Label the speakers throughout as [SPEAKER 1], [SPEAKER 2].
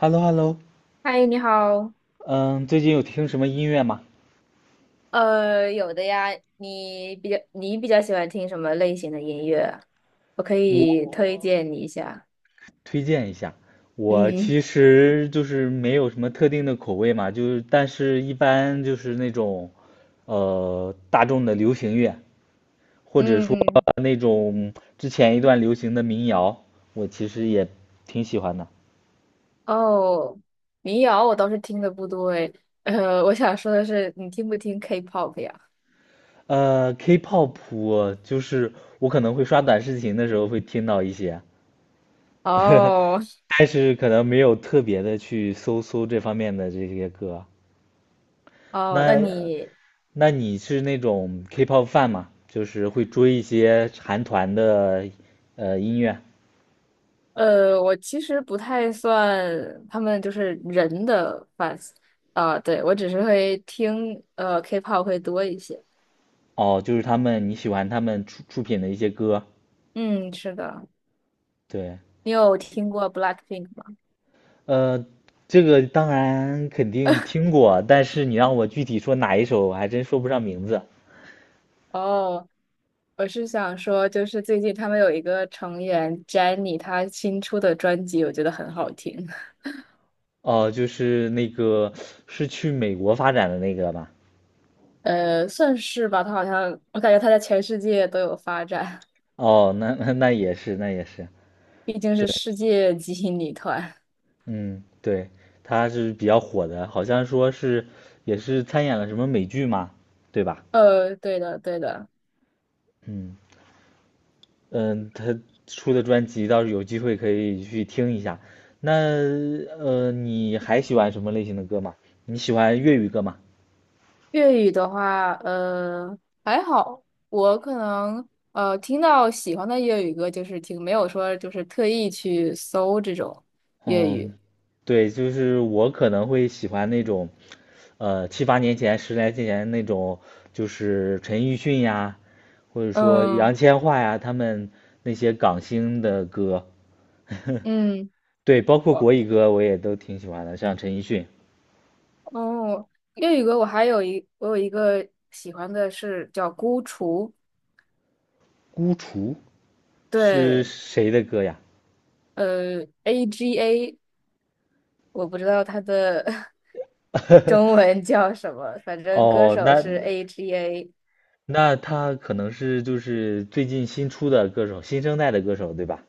[SPEAKER 1] h e l l o h e l l o
[SPEAKER 2] 嗨，你好。
[SPEAKER 1] 嗯，最近有听什么音乐吗？
[SPEAKER 2] 有的呀，你比较喜欢听什么类型的音乐啊我可
[SPEAKER 1] 我
[SPEAKER 2] 以推荐你一下。
[SPEAKER 1] 推荐一下。我
[SPEAKER 2] 嗯，
[SPEAKER 1] 其实就是没有什么特定的口味嘛，就是但是一般就是那种，大众的流行乐，或者说
[SPEAKER 2] 嗯，
[SPEAKER 1] 那种之前一段流行的民谣，我其实也挺喜欢的。
[SPEAKER 2] 哦，民谣我倒是听的不多诶。我想说的是，你听不听 K-pop 呀？
[SPEAKER 1] K-pop 我就是我可能会刷短视频的时候会听到一些，
[SPEAKER 2] 哦
[SPEAKER 1] 但是可能没有特别的去搜搜这方面的这些歌。
[SPEAKER 2] 哦，那
[SPEAKER 1] 那
[SPEAKER 2] 你
[SPEAKER 1] 那你是那种 K-pop fan 吗？就是会追一些韩团的音乐？
[SPEAKER 2] 我其实不太算他们就是人的 fans 啊，对，我只是会听K-pop 会多一些。
[SPEAKER 1] 哦，就是他们你喜欢他们出品的一些歌？
[SPEAKER 2] 嗯，是的。
[SPEAKER 1] 对，
[SPEAKER 2] 你有听过 BLACKPINK 吗？
[SPEAKER 1] 呃，这个当然肯定听过，但是你让我具体说哪一首，我还真说不上名字。
[SPEAKER 2] 哦，我是想说，就是最近他们有一个成员 Jennie,她新出的专辑我觉得很好听，
[SPEAKER 1] 哦，就是那个是去美国发展的那个吧？
[SPEAKER 2] 算是吧，她好像我感觉她在全世界都有发展，
[SPEAKER 1] 哦，那也是，那也是。
[SPEAKER 2] 毕竟是
[SPEAKER 1] 对。
[SPEAKER 2] 世界级女团。
[SPEAKER 1] 嗯，对，他是比较火的，好像说是也是参演了什么美剧嘛，对吧？
[SPEAKER 2] 对的，对的。
[SPEAKER 1] 嗯嗯，他出的专辑倒是有机会可以去听一下。那你还喜欢什么类型的歌吗？你喜欢粤语歌吗？
[SPEAKER 2] 粤语的话，还好，我可能听到喜欢的粤语歌就是听，没有说就是特意去搜这种粤语。
[SPEAKER 1] 嗯，对，就是我可能会喜欢那种，七八年前、十来年前那种，就是陈奕迅呀，或者说
[SPEAKER 2] 嗯
[SPEAKER 1] 杨千嬅呀，他们那些港星的歌。
[SPEAKER 2] 嗯。
[SPEAKER 1] 对，包括
[SPEAKER 2] 我。
[SPEAKER 1] 国语歌我也都挺喜欢的，像陈奕迅
[SPEAKER 2] 哦，粤语歌我有一个喜欢的是叫《孤雏》，
[SPEAKER 1] 《孤雏》是
[SPEAKER 2] 对，
[SPEAKER 1] 谁的歌呀？
[SPEAKER 2] A G A，我不知道它的 中文叫什么，反正歌
[SPEAKER 1] 哦，
[SPEAKER 2] 手
[SPEAKER 1] 那
[SPEAKER 2] 是 A G A，
[SPEAKER 1] 那他可能是就是最近新出的歌手，新生代的歌手，对吧？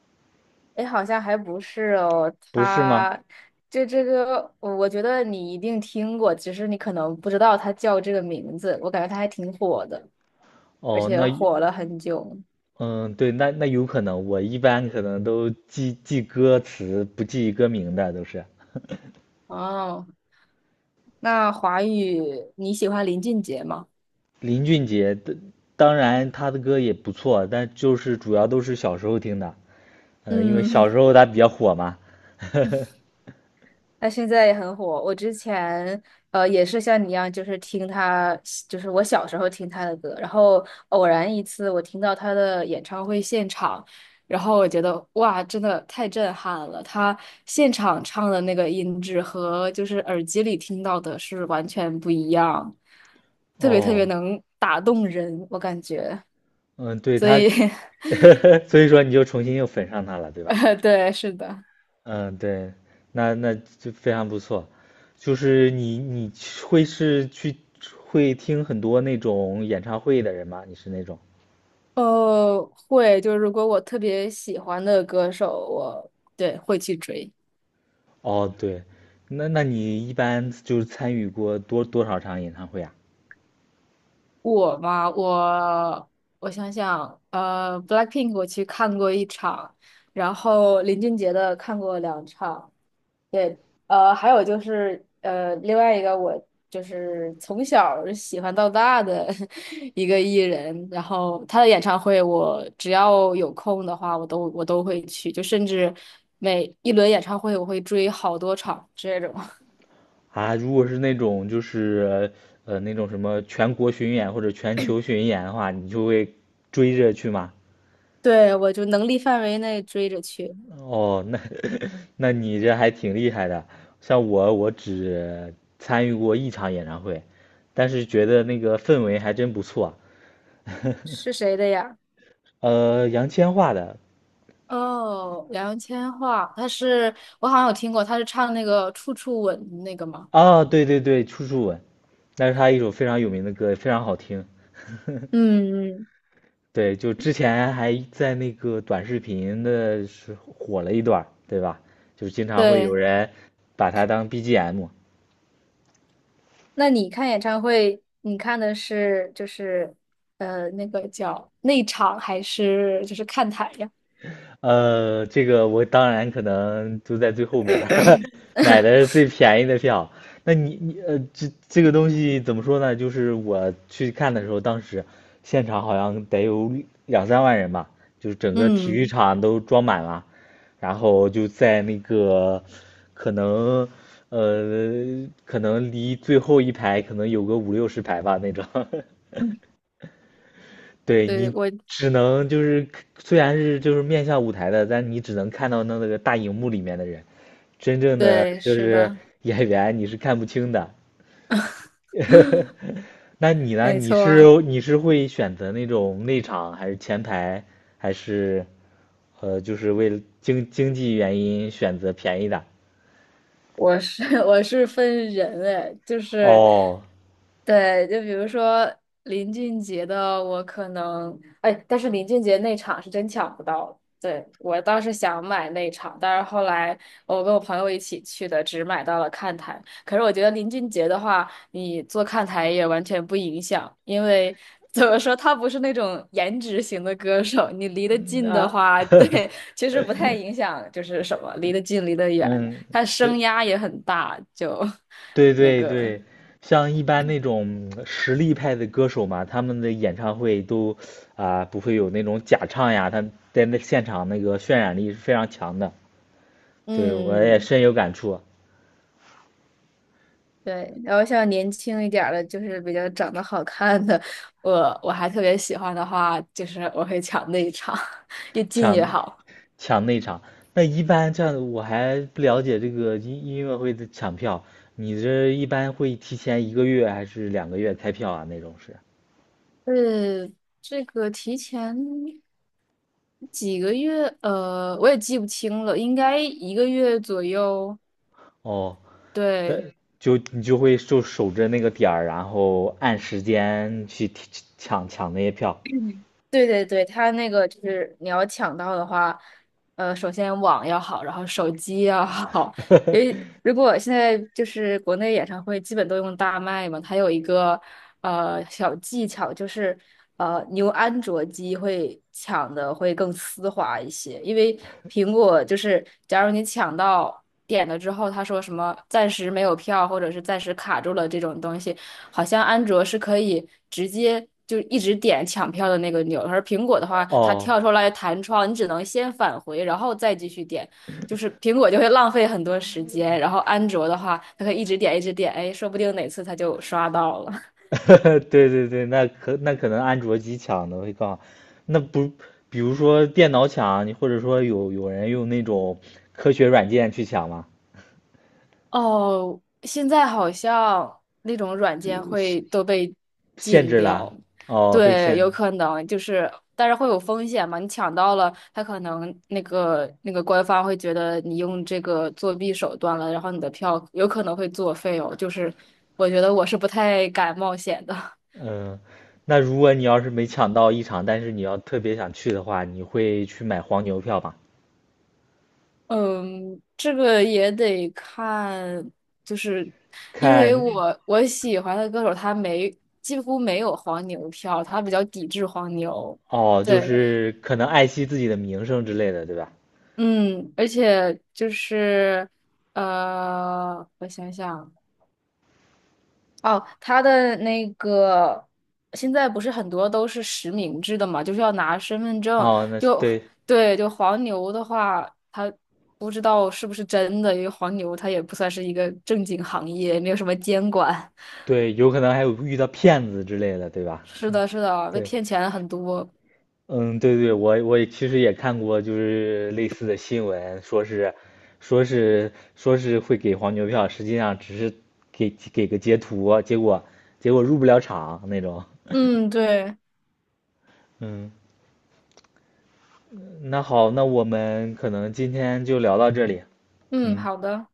[SPEAKER 2] 哎，诶好像还不是哦，
[SPEAKER 1] 不是吗？
[SPEAKER 2] 他这个我觉得你一定听过，只是你可能不知道他叫这个名字，我感觉他还挺火的，而
[SPEAKER 1] 哦，
[SPEAKER 2] 且
[SPEAKER 1] 那
[SPEAKER 2] 火了很久。
[SPEAKER 1] 嗯，对，那有可能，我一般可能都记记歌词，不记歌名的都是。
[SPEAKER 2] 哦，那华语你喜欢林俊杰吗？
[SPEAKER 1] 林俊杰的，当然他的歌也不错，但就是主要都是小时候听的，嗯，因为小
[SPEAKER 2] 嗯。
[SPEAKER 1] 时候他比较火嘛。
[SPEAKER 2] 他现在也很火。我之前也是像你一样，就是听他，就是我小时候听他的歌，然后偶然一次我听到他的演唱会现场，然后我觉得哇，真的太震撼了！他现场唱的那个音质和就是耳机里听到的是完全不一样，特别特别
[SPEAKER 1] 哦，
[SPEAKER 2] 能打动人，我感觉。
[SPEAKER 1] 嗯，对
[SPEAKER 2] 所
[SPEAKER 1] 他，
[SPEAKER 2] 以，
[SPEAKER 1] 所以说你就重新又粉上他了，对 吧？
[SPEAKER 2] 对，是的。
[SPEAKER 1] 嗯，对，那就非常不错。就是你你会是去会听很多那种演唱会的人吗？你是那种？
[SPEAKER 2] 会，就是如果我特别喜欢的歌手，我对会去追。
[SPEAKER 1] 哦，对，那你一般就是参与过多少场演唱会啊？
[SPEAKER 2] 我嘛，我我想想，Blackpink 我去看过一场，然后林俊杰的看过2 场，对，还有就是，另外一个我就是从小儿喜欢到大的 一个艺人，然后他的演唱会，我只要有空的话，我都会去，就甚至每一轮演唱会，我会追好多场这种。
[SPEAKER 1] 啊，如果是那种就是那种什么全国巡演或者全球巡演的话，你就会追着去吗？
[SPEAKER 2] 对，我就能力范围内追着去。
[SPEAKER 1] 哦，那你这还挺厉害的。像我，我只参与过一场演唱会，但是觉得那个氛围还真不错。
[SPEAKER 2] 是谁的呀？
[SPEAKER 1] 杨千嬅的，
[SPEAKER 2] 哦，杨千嬅，她是我好像有听过，她是唱那个《处处吻》那个吗？
[SPEAKER 1] 啊，对对对，《处处吻》，那是他一首非常有名的歌，非常好听。
[SPEAKER 2] 嗯，嗯，
[SPEAKER 1] 对，就之前还在那个短视频的是火了一段儿对吧？就是经常会有
[SPEAKER 2] 对。
[SPEAKER 1] 人把它当 BGM。
[SPEAKER 2] 那你看演唱会，你看的是就是那个叫内场还是就是看台呀？
[SPEAKER 1] 这个我当然可能就在最后面儿 买的最便宜的票。那你这个东西怎么说呢？就是我去看的时候，当时现场好像得有两三万人吧，就是整个体育
[SPEAKER 2] 嗯，
[SPEAKER 1] 场都装满了，然后就在那个可能可能离最后一排可能有个五六十排吧那种。对
[SPEAKER 2] 对，
[SPEAKER 1] 你
[SPEAKER 2] 我
[SPEAKER 1] 只能就是虽然是就是面向舞台的，但你只能看到那个大荧幕里面的人，真正的
[SPEAKER 2] 对，
[SPEAKER 1] 就
[SPEAKER 2] 是
[SPEAKER 1] 是
[SPEAKER 2] 的，
[SPEAKER 1] 演员你是看不清的。那你呢？
[SPEAKER 2] 没
[SPEAKER 1] 你
[SPEAKER 2] 错。
[SPEAKER 1] 是你是会选择那种内场还是前排，还是就是为了经济原因选择便宜的？
[SPEAKER 2] 我是 我是分人哎，就是，
[SPEAKER 1] 哦，
[SPEAKER 2] 对，就比如说林俊杰的，我可能哎，但是林俊杰那场是真抢不到。对，我倒是想买那场，但是后来我跟我朋友一起去的，只买到了看台。可是我觉得林俊杰的话，你坐看台也完全不影响，因为 怎么说，他不是那种颜值型的歌手，你离得
[SPEAKER 1] 嗯，
[SPEAKER 2] 近的
[SPEAKER 1] 那
[SPEAKER 2] 话，对，其实不太影响，就是什么离得近离得远。
[SPEAKER 1] 嗯，
[SPEAKER 2] 他声
[SPEAKER 1] 对
[SPEAKER 2] 压也很大，就
[SPEAKER 1] 对
[SPEAKER 2] 那
[SPEAKER 1] 对
[SPEAKER 2] 个，
[SPEAKER 1] 对，像一般那种实力派的歌手嘛，他们的演唱会都啊、不会有那种假唱呀，他在那现场那个渲染力是非常强的。对，我也
[SPEAKER 2] 嗯，
[SPEAKER 1] 深有感触，
[SPEAKER 2] 对，然后像年轻一点儿的，就是比较长得好看的，我还特别喜欢的话，就是我会抢那一场，越近越
[SPEAKER 1] 抢
[SPEAKER 2] 好。
[SPEAKER 1] 抢内场。那一般这样，我还不了解这个音乐会的抢票，你这一般会提前1个月还是2个月开票啊？那种是？
[SPEAKER 2] 呃，这个提前几个月，我也记不清了，应该一个月左右。
[SPEAKER 1] 哦，但
[SPEAKER 2] 对，
[SPEAKER 1] 就你就会就守着那个点儿，然后按时间去抢那些票。
[SPEAKER 2] 嗯，对对对，它那个就是你要抢到的话，首先网要好，然后手机要好。因为如果现在就是国内演唱会基本都用大麦嘛，它有一个小技巧，就是你用安卓机会抢的会更丝滑一些，因为苹果就是假如你抢到点了之后，他说什么暂时没有票或者是暂时卡住了这种东西。好像安卓是可以直接就一直点抢票的那个钮，而苹果的话，它
[SPEAKER 1] 哦，
[SPEAKER 2] 跳出来弹窗，你只能先返回，然后再继续点，就是苹果就会浪费很多时间，然后安卓的话，它可以一直点一直点，哎，说不定哪次它就刷到了。
[SPEAKER 1] 对对对，那可能安卓机抢的会更好，那不，比如说电脑抢，你或者说有人用那种科学软件去抢吗？
[SPEAKER 2] 哦，现在好像那种软
[SPEAKER 1] 就
[SPEAKER 2] 件
[SPEAKER 1] 限
[SPEAKER 2] 会都被
[SPEAKER 1] 限
[SPEAKER 2] 禁
[SPEAKER 1] 制
[SPEAKER 2] 掉，
[SPEAKER 1] 了，哦，被
[SPEAKER 2] 对，
[SPEAKER 1] 限制，
[SPEAKER 2] 有可能就是，但是会有风险嘛？你抢到了，他可能那个官方会觉得你用这个作弊手段了，然后你的票有可能会作废哦。就是我觉得我是不太敢冒险的。
[SPEAKER 1] 嗯，那如果你要是没抢到一场，但是你要特别想去的话，你会去买黄牛票吗？
[SPEAKER 2] 嗯，这个也得看，就是因为
[SPEAKER 1] 看，
[SPEAKER 2] 我喜欢的歌手他没几乎没有黄牛票，他比较抵制黄牛。
[SPEAKER 1] 哦，就
[SPEAKER 2] 对，
[SPEAKER 1] 是可能爱惜自己的名声之类的，对吧？
[SPEAKER 2] 嗯，而且就是我想想。哦，他的那个现在不是很多都是实名制的嘛，就是要拿身份证。
[SPEAKER 1] 哦，那
[SPEAKER 2] 就
[SPEAKER 1] 对
[SPEAKER 2] 对，就黄牛的话，他不知道是不是真的，因为黄牛他也不算是一个正经行业，也没有什么监管。
[SPEAKER 1] 对，有可能还有遇到骗子之类的，对 吧？
[SPEAKER 2] 是的，是 的，被
[SPEAKER 1] 对。
[SPEAKER 2] 骗钱很多。
[SPEAKER 1] 嗯，对对，我也其实也看过，就是类似的新闻，说是会给黄牛票，实际上只是给个截图，结果入不了场那种。
[SPEAKER 2] 嗯，对，
[SPEAKER 1] 嗯，那好，那我们可能今天就聊到这里。
[SPEAKER 2] 嗯，
[SPEAKER 1] 嗯，
[SPEAKER 2] 好的，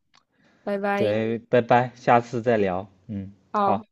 [SPEAKER 2] 拜拜，
[SPEAKER 1] 对，拜拜，下次再聊。嗯，好。
[SPEAKER 2] 好。